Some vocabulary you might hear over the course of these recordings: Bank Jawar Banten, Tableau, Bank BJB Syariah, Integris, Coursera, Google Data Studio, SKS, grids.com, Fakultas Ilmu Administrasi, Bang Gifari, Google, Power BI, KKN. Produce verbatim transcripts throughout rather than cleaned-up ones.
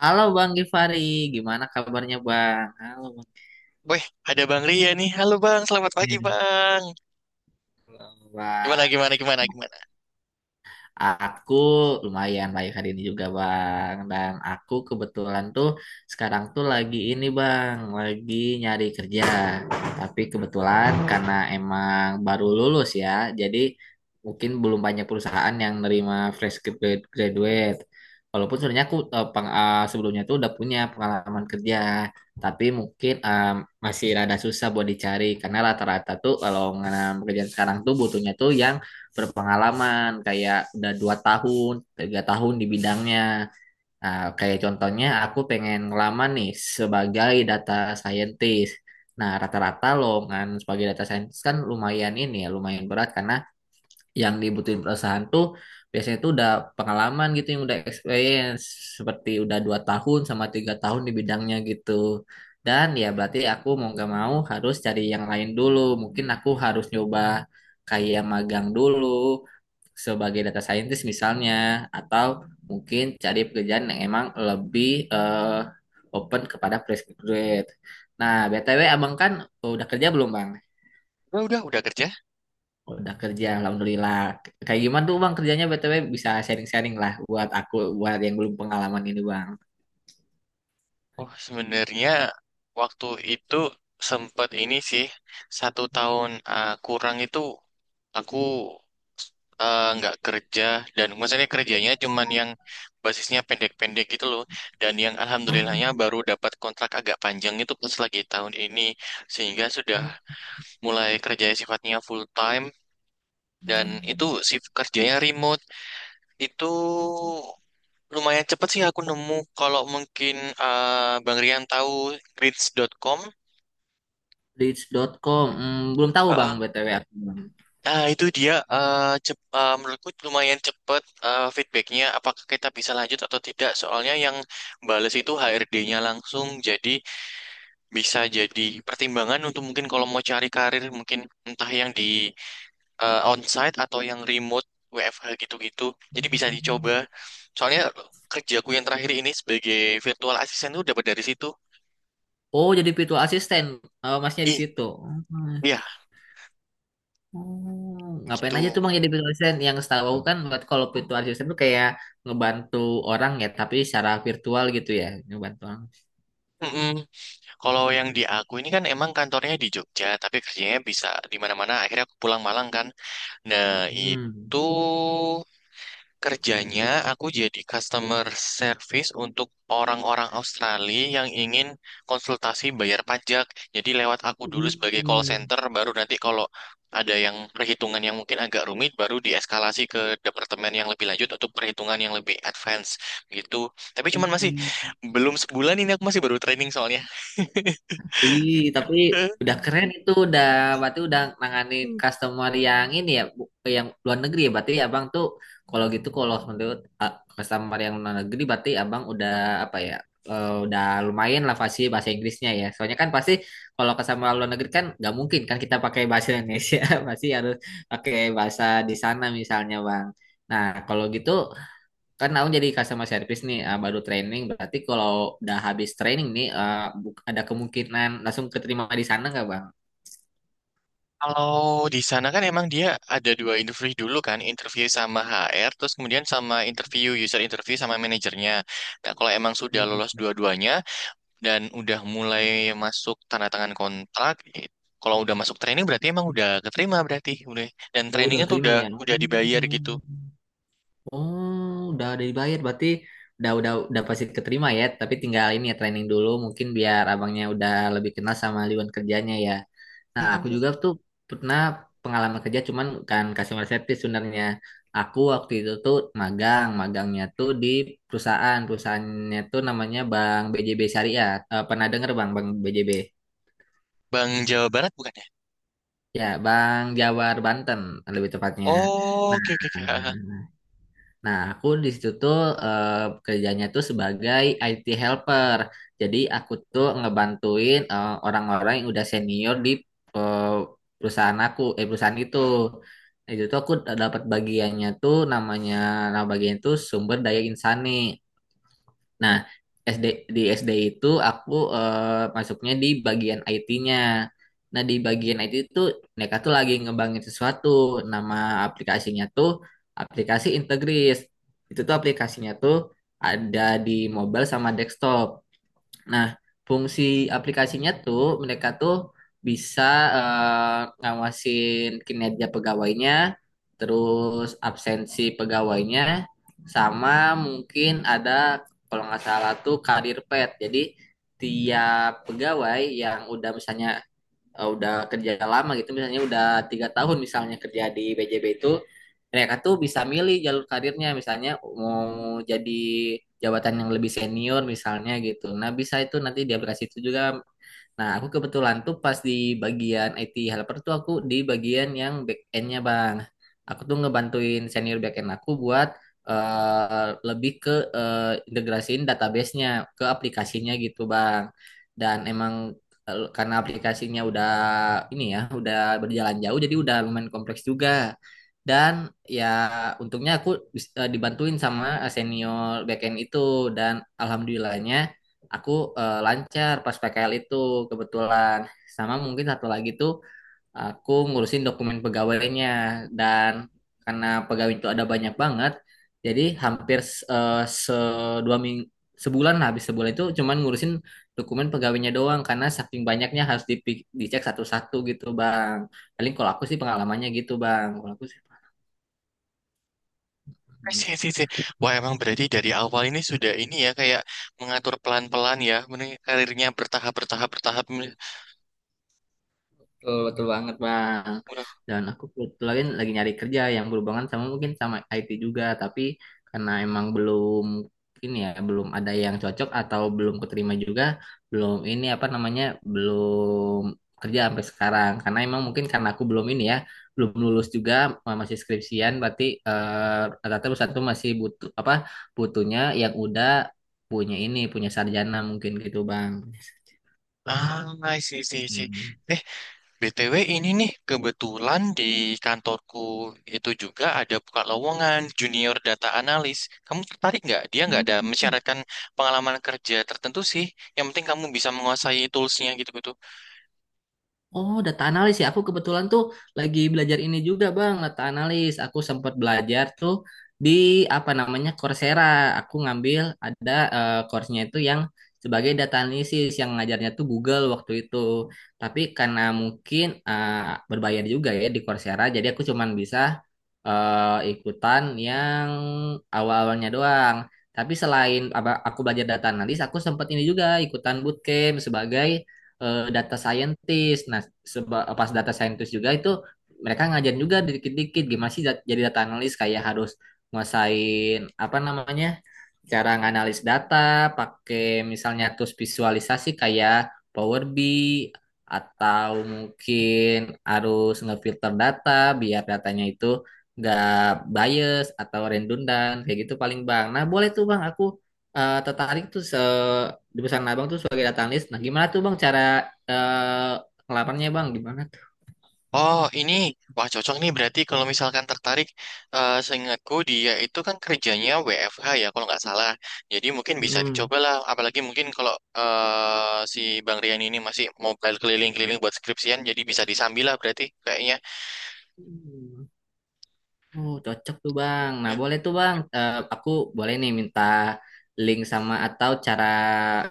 Halo Bang Gifari, gimana kabarnya Bang? Halo Bang. Weh, ada Bang Ria nih. Halo Bang, selamat pagi Bang. Halo Gimana, Bang. gimana, gimana, gimana? Aku lumayan baik hari ini juga Bang. Dan aku kebetulan tuh sekarang tuh lagi ini Bang, lagi nyari kerja. Tapi kebetulan karena emang baru lulus ya, jadi mungkin belum banyak perusahaan yang nerima fresh grad- graduate. Walaupun sebenarnya aku eh, peng- eh, sebelumnya tuh udah punya pengalaman kerja, tapi mungkin em, masih rada susah buat dicari karena rata-rata tuh kalau mengenai pekerjaan sekarang tuh butuhnya tuh yang berpengalaman kayak udah dua tahun tiga tahun di bidangnya. Nah, kayak contohnya aku pengen ngelamar nih sebagai data scientist. Nah, rata-rata lowongan sebagai data scientist kan lumayan ini ya lumayan berat karena yang dibutuhin perusahaan tuh biasanya tuh udah pengalaman gitu yang udah experience seperti udah dua tahun sama tiga tahun di bidangnya gitu. Dan ya berarti aku mau gak mau harus cari yang lain dulu, mungkin aku harus nyoba kayak magang dulu sebagai data scientist misalnya, atau mungkin cari pekerjaan yang emang lebih eh, open kepada fresh graduate. Nah, B T W abang kan udah kerja belum, Bang? Udah, udah, udah kerja? Udah kerja, alhamdulillah. Kayak gimana tuh bang kerjanya B T W bisa sharing-sharing lah buat aku, buat yang belum pengalaman ini bang. Oh, sebenarnya waktu itu sempat ini sih, satu tahun uh, kurang itu aku uh, nggak kerja. Dan maksudnya kerjanya cuman yang basisnya pendek-pendek gitu loh. Dan yang alhamdulillahnya baru dapat kontrak agak panjang itu pas lagi tahun ini. Sehingga sudah mulai kerja sifatnya full time. Dan itu shift kerjanya remote. Itu lumayan cepet sih aku nemu kalau mungkin eh, Bang Rian tahu grids dot com. leads titik com, hmm, belum tahu bang Heeh. B T W aku bang. Nah, itu dia eh, cep, eh, menurutku lumayan cepet, eh, feedbacknya apakah kita bisa lanjut atau tidak. Soalnya yang bales itu H R D-nya langsung, jadi bisa jadi pertimbangan untuk mungkin kalau mau cari karir mungkin entah yang di eh, onsite atau yang remote, W F H gitu-gitu. Jadi bisa dicoba. Soalnya kerjaku yang terakhir ini sebagai virtual assistant itu dapat dari situ. Oh jadi virtual assistant, oh, masnya di Ih, situ. Hmm. iya, Oh, ngapain gitu. aja tuh bang jadi virtual assistant? Yang setahu aku kan buat kalau virtual assistant tuh kayak ngebantu orang ya, tapi secara virtual gitu ya, ngebantu orang. Mm-mm. Kalau yang di aku ini kan emang kantornya di Jogja, tapi kerjanya bisa di mana-mana. Akhirnya aku pulang Malang kan. Nah, Hmm. itu kerjanya aku jadi customer service untuk orang-orang Australia yang ingin konsultasi bayar pajak. Jadi lewat aku dulu sebagai call center, baru nanti kalau ada yang perhitungan yang mungkin agak rumit, baru dieskalasi ke departemen yang lebih lanjut untuk perhitungan yang lebih advance gitu. Tapi cuman masih Hmm. belum sebulan ini aku masih baru training soalnya. Wih, tapi udah keren itu udah berarti udah nanganin customer yang ini ya bu- yang luar negeri ya berarti abang tuh. Kalau gitu kalau menurut ah, customer yang luar negeri berarti abang udah apa ya eh, udah lumayan lah pasti bahasa Inggrisnya ya soalnya kan pasti kalau customer luar negeri kan nggak mungkin kan kita pakai bahasa Indonesia pasti harus pakai bahasa di sana misalnya bang. Nah kalau gitu kan aku jadi customer service nih eh, baru training berarti kalau udah habis training nih eh, bu- ada kemungkinan langsung keterima di sana nggak bang? Kalau di sana kan emang dia ada dua interview dulu kan, interview sama H R, terus kemudian sama interview user, interview sama manajernya. Nah, kalau emang sudah lolos Hmm. dua-duanya dan udah mulai masuk tanda tangan kontrak, eh, kalau udah masuk training berarti emang udah keterima berarti, udah. Dan Oh udah trainingnya tuh terima udah ya. Oh. udah dibayar gitu. Oh, udah udah dibayar berarti udah udah udah pasti keterima ya, tapi tinggal ini ya training dulu mungkin biar abangnya udah lebih kenal sama lingkungan kerjanya ya. Nah, aku Mm-mm. juga tuh pernah pengalaman kerja cuman bukan customer service sebenarnya. Aku waktu itu tuh magang, magangnya tuh di perusahaan, perusahaannya tuh namanya Bank B J B Syariah. Eh, pernah denger Bang Bank B J B? Bang Jawa Barat bukan ya? Ya, Bank Jawar Banten lebih tepatnya. Oh, Nah, oke oke oke. Ah, ah. Nah, aku di situ tuh eh, kerjanya tuh sebagai I T helper. Jadi aku tuh ngebantuin eh, orang-orang yang udah senior di eh, perusahaan aku, eh perusahaan itu. Nah, itu tuh aku dapat bagiannya tuh namanya, nama bagian itu sumber daya insani. Nah, S D di S D itu aku eh, masuknya di bagian I T-nya. Nah, di bagian I T itu mereka tuh lagi ngembangin sesuatu. Nama aplikasinya tuh aplikasi Integris. Itu tuh aplikasinya tuh ada di mobile sama desktop. Nah, fungsi aplikasinya tuh mereka tuh bisa eh, ngawasin kinerja pegawainya, terus absensi pegawainya, sama mungkin ada kalau nggak salah tuh karir pet. Jadi tiap pegawai yang udah misalnya eh, udah kerja lama gitu misalnya udah tiga tahun misalnya kerja di B J B itu mereka tuh bisa milih jalur karirnya misalnya mau jadi jabatan yang lebih senior misalnya gitu. Nah bisa itu nanti di aplikasi itu juga. Nah, aku kebetulan tuh pas di bagian I T helper tuh aku di bagian yang back end-nya, Bang. Aku tuh ngebantuin senior back end aku buat eh, lebih ke eh, integrasiin database-nya ke aplikasinya gitu, Bang. Dan emang eh, karena aplikasinya udah ini ya, udah berjalan jauh jadi udah lumayan kompleks juga. Dan ya untungnya aku bis- eh, dibantuin sama senior back end itu dan alhamdulillahnya aku eh, lancar pas P K L itu kebetulan. Sama mungkin satu lagi tuh aku ngurusin dokumen pegawainya dan karena pegawai itu ada banyak banget jadi hampir eh, se dua minggu sebulan lah, habis sebulan itu cuman ngurusin dokumen pegawainya doang karena saking banyaknya harus dipi- dicek satu-satu gitu bang, paling kalau aku sih pengalamannya gitu bang kalau aku sih. Sih, sih, sih. Wah, emang berarti dari awal ini sudah ini ya, kayak mengatur pelan-pelan ya, ini karirnya bertahap, bertahap, bertahap. Betul, betul banget Bang. Udah. Dan aku kebetulan lagi nyari kerja yang berhubungan sama mungkin sama I T juga, tapi karena emang belum ini ya, belum ada yang cocok atau belum keterima juga, belum ini apa namanya, belum kerja sampai sekarang. Karena emang mungkin karena aku belum ini ya, belum lulus juga eh, masih skripsian, berarti eh, rata-rata perusahaan tuh masih butuh apa butuhnya yang udah punya ini, punya sarjana mungkin gitu Bang. Ah, sih, sih, sih. Eh, B T W ini nih, kebetulan di kantorku itu juga ada buka lowongan junior data analis. Kamu tertarik nggak? Dia nggak ada Hmm. mensyaratkan pengalaman kerja tertentu sih. Yang penting kamu bisa menguasai toolsnya gitu-gitu. Oh, data analis ya. Aku kebetulan tuh lagi belajar ini juga, Bang, data analis. Aku sempat belajar tuh di apa namanya Coursera. Aku ngambil ada eh, course-nya itu yang sebagai data analisis yang ngajarnya tuh Google waktu itu. Tapi karena mungkin eh, berbayar juga ya di Coursera, jadi aku cuman bisa eh, ikutan yang awal-awalnya doang. Tapi selain apa- aku belajar data analis, aku sempat ini juga ikutan bootcamp sebagai eh, data scientist. Nah, seba- pas data scientist juga itu mereka ngajarin juga dikit-dikit gimana sih dat- jadi data analis kayak harus nguasain apa namanya cara nganalis data pakai misalnya terus visualisasi kayak Power B I atau mungkin harus ngefilter data biar datanya itu nggak bias atau redundant kayak gitu paling bang. Nah boleh tuh bang aku eh, tertarik tuh se di pesan abang tuh sebagai datang list. Nah, gimana tuh bang cara eh ngelamarnya bang? Gimana tuh? Oh, ini wah cocok nih berarti kalau misalkan tertarik, eh seingatku dia itu kan kerjanya W F H ya kalau nggak salah. Jadi mungkin bisa Hmm. dicobalah, apalagi mungkin kalau eh si Bang Rian ini masih mobile keliling-keliling buat skripsian, jadi bisa disambil lah berarti kayaknya. Hmm. Oh, cocok tuh bang. Nah, boleh tuh bang. Eh, aku boleh nih minta link sama atau cara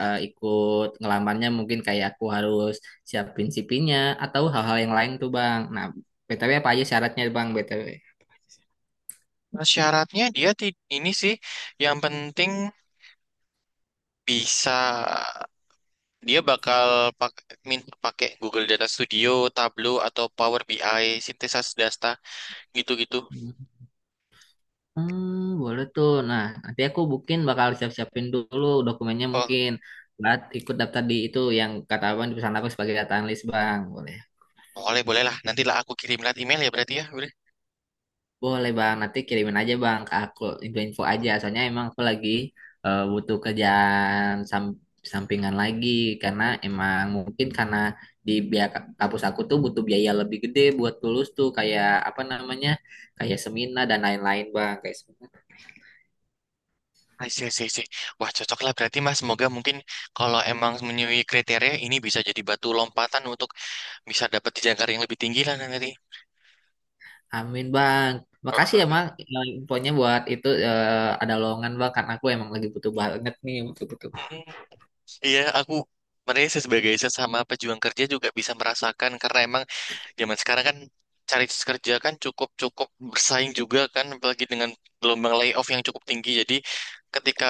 eh, ikut ngelamarnya mungkin kayak aku harus siapin C V-nya atau hal-hal yang lain tuh bang. Nah, B T W apa aja syaratnya bang B T W? Nah, syaratnya dia ti- ini sih, yang penting bisa, dia bakal pak minta pakai Google Data Studio, Tableau atau Power B I, sintesis data gitu-gitu. Hmm, boleh tuh. Nah, nanti aku mungkin bakal siap-siapin dulu dokumennya Oh, mungkin buat ikut daftar di itu yang kata abang di pesan aku sebagai data analis bang. Boleh. boleh, boleh lah. Nantilah aku kirim lewat email ya berarti ya. Boleh. Boleh bang, nanti kirimin aja bang ke aku info-info aja. Soalnya emang aku lagi eh, butuh kerjaan sam- sampingan lagi karena emang mungkin karena di biaya ka- kampus aku tuh butuh biaya lebih gede buat lulus tuh kayak apa namanya kayak seminar dan lain-lain bang kayak. I see, I see, wah, cocok lah berarti Mas. Semoga mungkin kalau emang memenuhi kriteria ini bisa jadi batu lompatan untuk bisa dapat jangkar yang lebih tinggi lah nanti. Amin bang. Makasih ya bang eh, infonya buat itu eh, ada lowongan bang karena aku emang lagi butuh banget nih butuh-butuh. Iya, aku merasa sebagai sesama pejuang kerja juga bisa merasakan karena emang zaman sekarang kan cari kerja kan cukup cukup bersaing juga kan, apalagi dengan gelombang layoff yang cukup tinggi, jadi ketika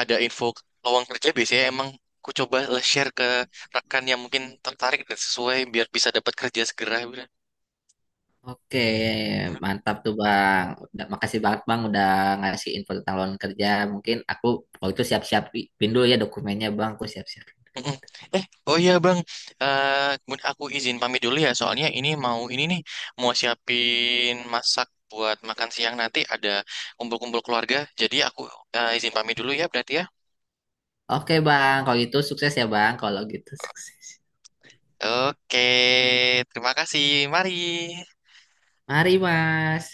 ada info lowongan kerja biasanya emang ku coba lah share ke rekan yang mungkin tertarik dan sesuai biar bisa dapat kerja segera Bro. Oke mantap tuh bang. Udah, makasih banget bang udah ngasih info tentang lowongan kerja. Mungkin aku kalau itu siap-siap pin dulu ya dokumennya bang. Aku siap-siap. Mm-mm. Eh, oh iya Bang, Eh, kemudian aku izin pamit dulu ya, soalnya ini mau ini nih mau siapin masak buat makan siang nanti ada kumpul-kumpul keluarga, jadi aku eh, izin pamit dulu ya berarti ya. Oke bang kalau itu sukses ya bang. Kalau gitu sukses. Oke, terima kasih. Mari. Mari mas.